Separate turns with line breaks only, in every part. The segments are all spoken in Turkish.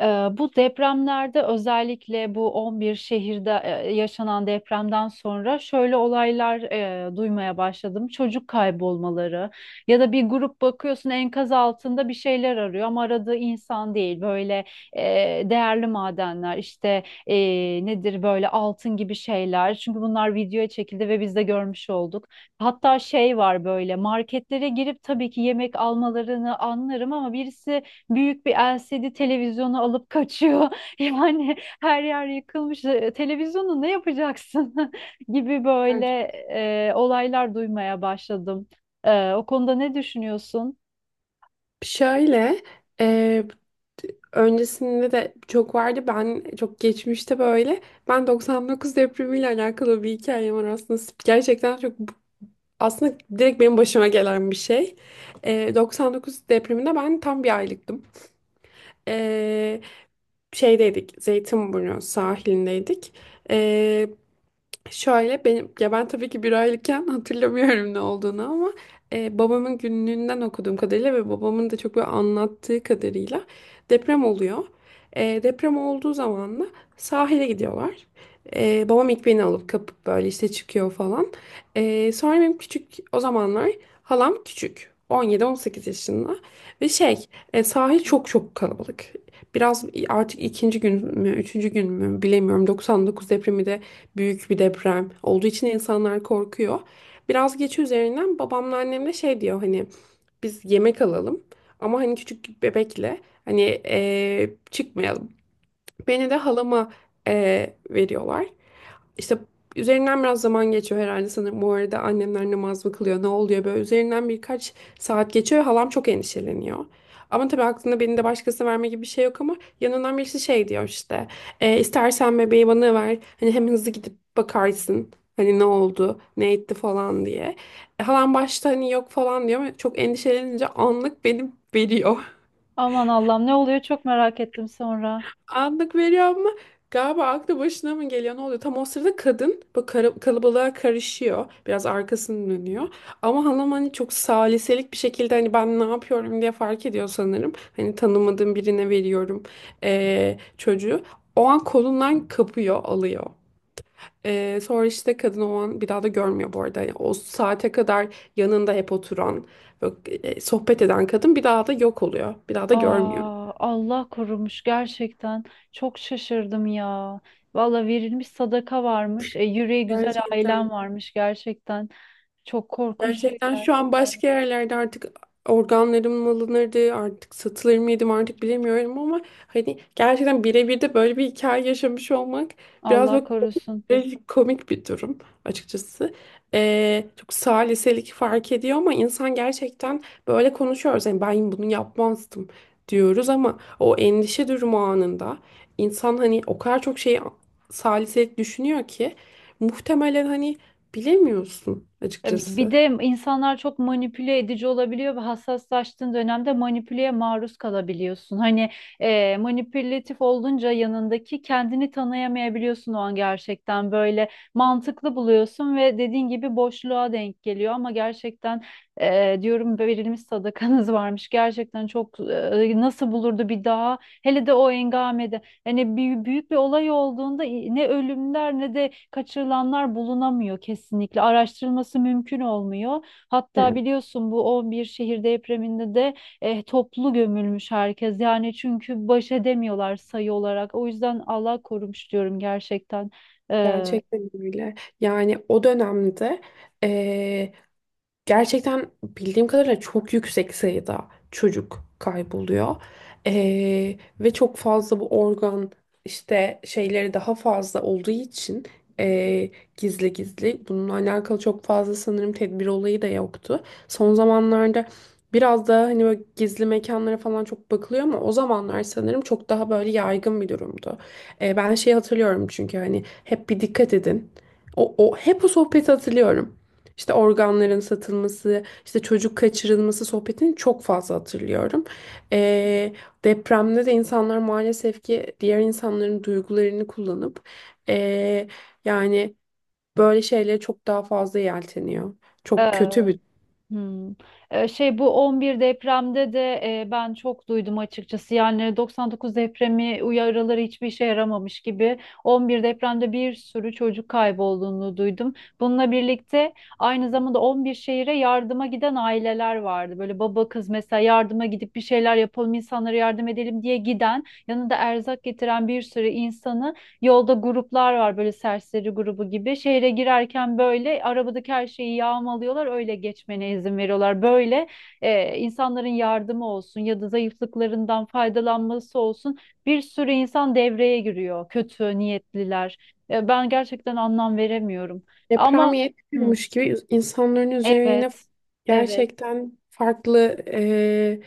Ee, Bu depremlerde özellikle bu 11 şehirde yaşanan depremden sonra şöyle olaylar duymaya başladım. Çocuk kaybolmaları ya da bir grup bakıyorsun enkaz altında bir şeyler arıyor ama aradığı insan değil. Böyle e, değerli madenler işte nedir böyle altın gibi şeyler. Çünkü bunlar videoya çekildi ve biz de görmüş olduk. Hatta şey var, böyle marketlere girip, tabii ki yemek almalarını anlarım ama birisi büyük bir LCD televizyonu alıp kaçıyor. Yani her yer yıkılmış. Televizyonu ne yapacaksın gibi böyle
Evet.
olaylar duymaya başladım. O konuda ne düşünüyorsun?
Şöyle, e, öncesinde de çok vardı. Ben çok geçmişte böyle. Ben 99 depremiyle alakalı bir hikayem var aslında. Gerçekten çok aslında direkt benim başıma gelen bir şey. 99 depreminde ben tam bir aylıktım. E, Şeydeydik, Zeytinburnu sahilindeydik. Şöyle benim ya ben tabii ki bir aylıkken hatırlamıyorum ne olduğunu ama babamın günlüğünden okuduğum kadarıyla ve babamın da çok böyle anlattığı kadarıyla deprem oluyor. Deprem olduğu zaman da sahile gidiyorlar. Babam ilk beni alıp kapıp böyle işte çıkıyor falan. Sonra benim küçük o zamanlar halam küçük 17-18 yaşında ve sahil çok çok kalabalık. Biraz artık ikinci gün mü, üçüncü gün mü bilemiyorum. 99 depremi de büyük bir deprem olduğu için insanlar korkuyor. Biraz geç üzerinden babamla annem de şey diyor, hani biz yemek alalım ama hani küçük bir bebekle hani çıkmayalım. Beni de halama veriyorlar. İşte üzerinden biraz zaman geçiyor herhalde sanırım. Bu arada annemler namaz mı kılıyor, ne oluyor böyle. Üzerinden birkaç saat geçiyor, halam çok endişeleniyor. Ama tabii aklında beni de başkasına verme gibi bir şey yok, ama yanından birisi şey diyor işte. " istersen bebeği bana ver. Hani hem hızlı gidip bakarsın. Hani ne oldu, ne etti falan diye. Halam başta hani yok falan diyor ama çok endişelenince anlık beni veriyor.
Aman Allah'ım, ne oluyor, çok merak ettim sonra.
Anlık veriyor ama galiba aklı başına mı geliyor, ne oluyor? Tam o sırada kadın bu kalabalığa karışıyor. Biraz arkasını dönüyor. Ama hanım hani çok saliselik bir şekilde hani ben ne yapıyorum diye fark ediyor sanırım. Hani tanımadığım birine veriyorum çocuğu. O an kolundan kapıyor alıyor. Sonra işte kadın o an bir daha da görmüyor bu arada. Yani o saate kadar yanında hep oturan, böyle, sohbet eden kadın bir daha da yok oluyor. Bir daha da görmüyor.
Aa, Allah korumuş gerçekten. Çok şaşırdım ya. Valla verilmiş sadaka varmış. Yüreği güzel ailem
Gerçekten.
varmış gerçekten. Çok korkunç
Gerçekten
şeyler.
şu an başka yerlerde artık organlarım mı alınırdı, artık satılır mıydım artık bilemiyorum ama hani gerçekten birebir de böyle bir hikaye yaşamış olmak biraz
Allah
bak
korusun.
komik komik bir durum açıkçası. Çok saliselik fark ediyor ama insan gerçekten böyle konuşuyoruz. Yani ben bunu yapmazdım diyoruz ama o endişe durumu anında insan hani o kadar çok şey saliselik düşünüyor ki muhtemelen hani bilemiyorsun
Bir
açıkçası.
de insanlar çok manipüle edici olabiliyor ve hassaslaştığın dönemde manipüleye maruz kalabiliyorsun. Hani, manipülatif olunca yanındaki kendini tanıyamayabiliyorsun, o an gerçekten böyle mantıklı buluyorsun ve dediğin gibi boşluğa denk geliyor ama gerçekten, diyorum, verilmiş sadakanız varmış. Gerçekten çok, nasıl bulurdu bir daha, hele de o engamede. Hani büyük, büyük bir olay olduğunda ne ölümler ne de kaçırılanlar bulunamıyor kesinlikle. Araştırılması mümkün olmuyor. Hatta
Evet.
biliyorsun, bu 11 şehir depreminde de toplu gömülmüş herkes. Yani çünkü baş edemiyorlar sayı olarak. O yüzden Allah korumuş diyorum gerçekten.
Gerçekten öyle. Yani o dönemde eee, gerçekten bildiğim kadarıyla çok yüksek sayıda çocuk kayboluyor. Ve çok fazla bu organ işte şeyleri daha fazla olduğu için ee, gizli gizli bununla alakalı çok fazla sanırım tedbir olayı da yoktu. Son zamanlarda biraz daha hani böyle gizli mekanlara falan çok bakılıyor ama o zamanlar sanırım çok daha böyle yaygın bir durumdu. Ben şeyi hatırlıyorum çünkü hani hep bir dikkat edin. O hep o sohbeti hatırlıyorum. İşte organların satılması, işte çocuk kaçırılması sohbetini çok fazla hatırlıyorum. Ee, Depremde de insanlar maalesef ki diğer insanların duygularını kullanıp ee, yani böyle şeylere çok daha fazla yelteniyor. Çok
Ee,
kötü bir
Hmm. Şey, bu 11 depremde de ben çok duydum açıkçası. Yani 99 depremi uyarıları hiçbir işe yaramamış gibi. 11 depremde bir sürü çocuk kaybolduğunu duydum. Bununla birlikte aynı zamanda 11 şehire yardıma giden aileler vardı. Böyle baba kız mesela, yardıma gidip bir şeyler yapalım, insanlara yardım edelim diye giden, yanında erzak getiren bir sürü insanı. Yolda gruplar var böyle serseri grubu gibi. Şehre girerken böyle arabadaki her şeyi yağmalıyorlar. Öyle geçmene izin veriyorlar. Böyle insanların yardımı olsun ya da zayıflıklarından faydalanması olsun. Bir sürü insan devreye giriyor. Kötü niyetliler. Ben gerçekten anlam veremiyorum.
deprem
Ama hı,
yetmiyormuş gibi insanların üzerine
evet. Evet.
gerçekten farklı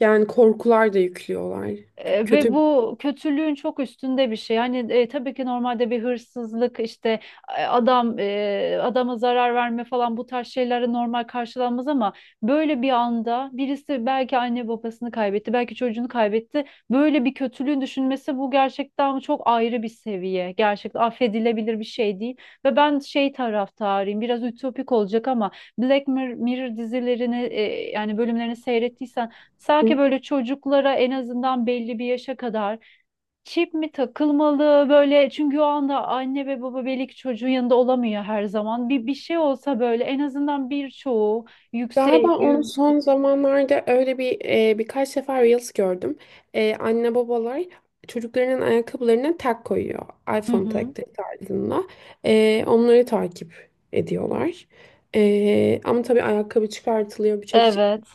yani korkular da yüklüyorlar. Çok
Ve
kötü.
bu kötülüğün çok üstünde bir şey. Hani, tabii ki normalde bir hırsızlık işte, adama zarar verme falan bu tarz şeylere normal karşılanmaz ama böyle bir anda birisi belki anne babasını kaybetti, belki çocuğunu kaybetti. Böyle bir kötülüğün düşünmesi, bu gerçekten çok ayrı bir seviye. Gerçekten affedilebilir bir şey değil. Ve ben şey taraftarıyım, biraz ütopik olacak ama Mirror dizilerini, yani bölümlerini seyrettiysen, sanki böyle çocuklara en azından belli bir yaşa kadar çip mi takılmalı böyle, çünkü o anda anne ve baba belli ki çocuğun yanında olamıyor her zaman. Bir şey olsa böyle en azından birçoğu
Galiba
yüksek.
onu son zamanlarda öyle bir birkaç defa Reels gördüm. Anne babalar çocuklarının ayakkabılarına tag koyuyor.
Hı
iPhone
hı.
tagleri tarzında. Onları takip ediyorlar. Ama tabii ayakkabı çıkartılıyor. Birçok
Evet,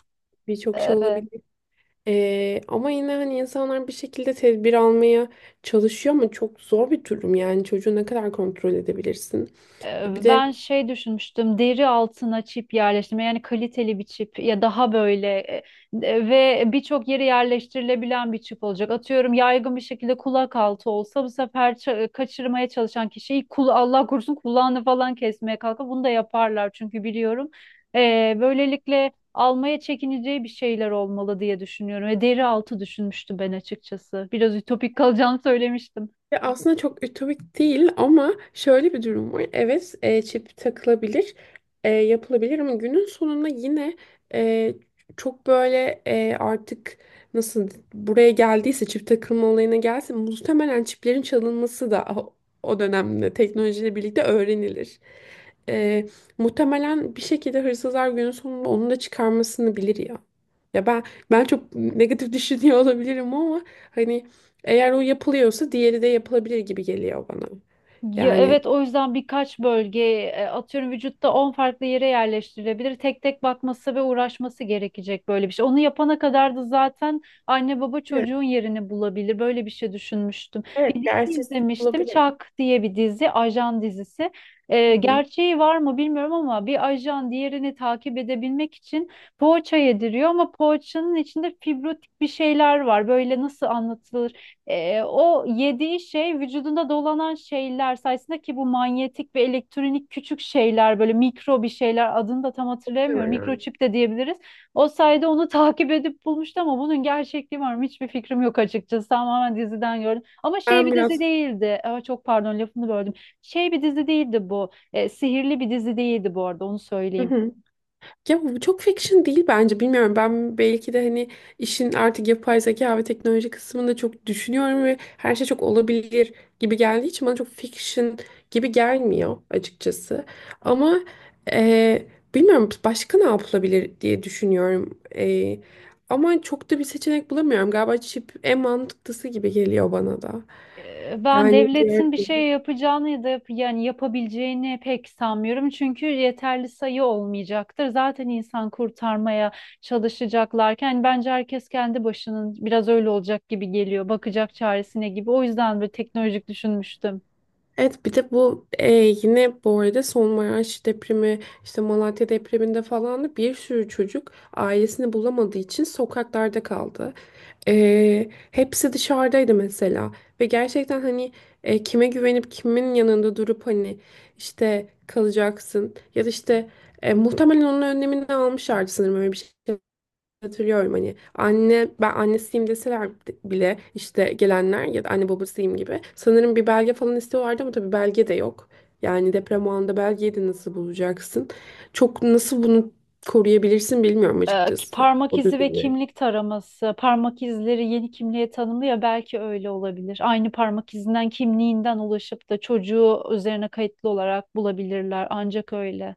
birçok şey
evet.
olabilir. Ama yine hani insanlar bir şekilde tedbir almaya çalışıyor ama çok zor bir durum. Yani çocuğu ne kadar kontrol edebilirsin? Bir de
Ben şey düşünmüştüm, deri altına çip yerleştirme, yani kaliteli bir çip, ya daha böyle ve birçok yere yerleştirilebilen bir çip olacak. Atıyorum yaygın bir şekilde kulak altı olsa, bu sefer kaçırmaya çalışan kişiyi kul, Allah korusun, kulağını falan kesmeye kalkar. Bunu da yaparlar çünkü biliyorum. Böylelikle almaya çekineceği bir şeyler olmalı diye düşünüyorum. Ve deri altı düşünmüştüm ben açıkçası. Biraz ütopik kalacağını söylemiştim.
Ya aslında çok ütopik değil ama şöyle bir durum var. Evet, çip takılabilir, yapılabilir ama günün sonunda yine e, çok böyle artık nasıl buraya geldiyse çip takılma olayına gelse muhtemelen çiplerin çalınması da o dönemde teknolojiyle birlikte öğrenilir. E, Muhtemelen bir şekilde hırsızlar günün sonunda onu da çıkarmasını bilir ya. Ya ben çok negatif düşünüyor olabilirim ama hani eğer o yapılıyorsa diğeri de yapılabilir gibi geliyor bana.
Ya
Yani
evet, o yüzden birkaç bölge, atıyorum vücutta 10 farklı yere yerleştirilebilir. Tek tek bakması ve uğraşması gerekecek böyle bir şey. Onu yapana kadar da zaten anne baba
evet,
çocuğun yerini bulabilir. Böyle bir şey düşünmüştüm. Bir
evet
dizi
gerçi
izlemiştim.
olabilir.
Çak diye bir dizi, ajan dizisi.
Hı hı.
Gerçeği var mı bilmiyorum ama bir ajan diğerini takip edebilmek için poğaça yediriyor ama poğaçanın içinde fibrotik bir şeyler var. Böyle nasıl, o yediği şey vücudunda dolanan şeyler sayesinde, ki bu manyetik ve elektronik küçük şeyler, böyle mikro bir şeyler, adını da tam hatırlayamıyorum.
Muhtemelen.
Mikroçip de diyebiliriz. O sayede onu takip edip bulmuştu, ama bunun gerçekliği var mı? Hiçbir fikrim yok açıkçası. Tamamen diziden gördüm. Ama şey,
Ben
bir dizi
biraz
değildi. Aa, çok pardon, lafını böldüm. Şey, bir dizi değildi bu. Sihirli bir dizi değildi bu arada, onu
Hı
söyleyeyim.
hı. Ya bu çok fiction değil bence bilmiyorum. Ben belki de hani işin artık yapay zeka ve teknoloji kısmında çok düşünüyorum ve her şey çok olabilir gibi geldiği için bana çok fiction gibi gelmiyor açıkçası. Ama e, bilmiyorum başka ne yapılabilir diye düşünüyorum. Ama çok da bir seçenek bulamıyorum. Galiba chip en mantıklısı gibi geliyor bana da.
Ben
Yani diğer
devletin bir şey yapacağını ya da yani yapabileceğini pek sanmıyorum. Çünkü yeterli sayı olmayacaktır. Zaten insan kurtarmaya çalışacaklarken hani bence herkes kendi başının biraz öyle olacak gibi geliyor. Bakacak çaresine gibi. O yüzden böyle teknolojik düşünmüştüm.
Evet, bir de bu yine bu arada Maraş depremi işte Malatya depreminde falan da bir sürü çocuk ailesini bulamadığı için sokaklarda kaldı. Hepsi dışarıdaydı mesela ve gerçekten hani kime güvenip kimin yanında durup hani işte kalacaksın, ya da işte muhtemelen onun önlemini de almışlardı sanırım öyle bir şey. Hatırlıyorum hani anne ben annesiyim deseler bile işte gelenler ya da anne babasıyım gibi sanırım bir belge falan istiyorlardı ama tabii belge de yok. Yani deprem o anda belgeyi de nasıl bulacaksın? Çok nasıl bunu koruyabilirsin bilmiyorum
Ki
açıkçası.
parmak
O
izi ve
düzeni.
kimlik taraması. Parmak izleri yeni kimliğe tanımlı ya, belki öyle olabilir. Aynı parmak izinden kimliğinden ulaşıp da çocuğu üzerine kayıtlı olarak bulabilirler. Ancak öyle.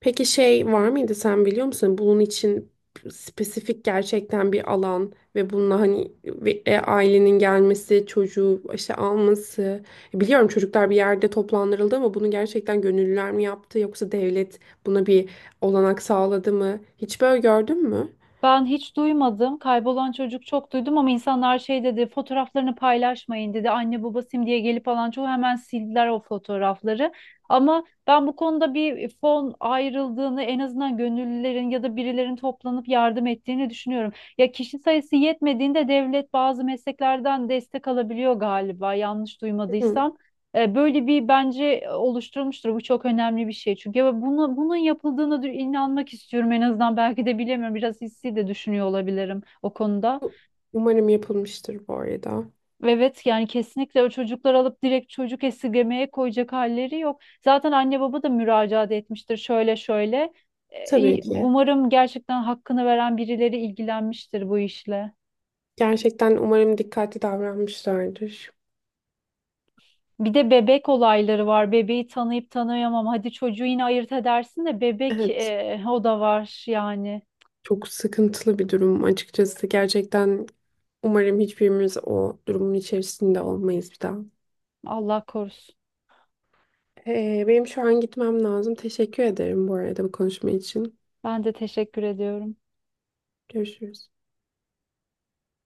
Peki şey var mıydı sen biliyor musun? Bunun için spesifik gerçekten bir alan ve bununla hani ailenin gelmesi, çocuğu işte alması. Biliyorum çocuklar bir yerde toplandırıldı ama bunu gerçekten gönüllüler mi yaptı yoksa devlet buna bir olanak sağladı mı? Hiç böyle gördün mü?
Ben hiç duymadım. Kaybolan çocuk çok duydum ama insanlar şey dedi, fotoğraflarını paylaşmayın dedi. Anne baba diye gelip alan çoğu hemen sildiler o fotoğrafları. Ama ben bu konuda bir fon ayrıldığını, en azından gönüllülerin ya da birilerin toplanıp yardım ettiğini düşünüyorum. Ya kişi sayısı yetmediğinde devlet bazı mesleklerden destek alabiliyor galiba, yanlış
Hı.
duymadıysam. Böyle bir bence oluşturmuştur. Bu çok önemli bir şey. Çünkü ya buna, bunun yapıldığına inanmak istiyorum en azından. Belki de bilemiyorum. Biraz hissi de düşünüyor olabilirim o konuda.
Umarım yapılmıştır bu arada.
Evet, yani kesinlikle o çocuklar alıp direkt çocuk esirgemeye koyacak halleri yok. Zaten anne baba da müracaat etmiştir şöyle şöyle.
Tabii ki.
Umarım gerçekten hakkını veren birileri ilgilenmiştir bu işle.
Gerçekten umarım dikkatli davranmışlardır.
Bir de bebek olayları var. Bebeği tanıyıp tanıyamam. Hadi çocuğu yine ayırt edersin de bebek,
Evet.
o da var yani.
Çok sıkıntılı bir durum açıkçası. Gerçekten umarım hiçbirimiz o durumun içerisinde olmayız bir daha.
Allah korusun.
Benim şu an gitmem lazım. Teşekkür ederim bu arada bu konuşma için.
Ben de teşekkür ediyorum.
Görüşürüz.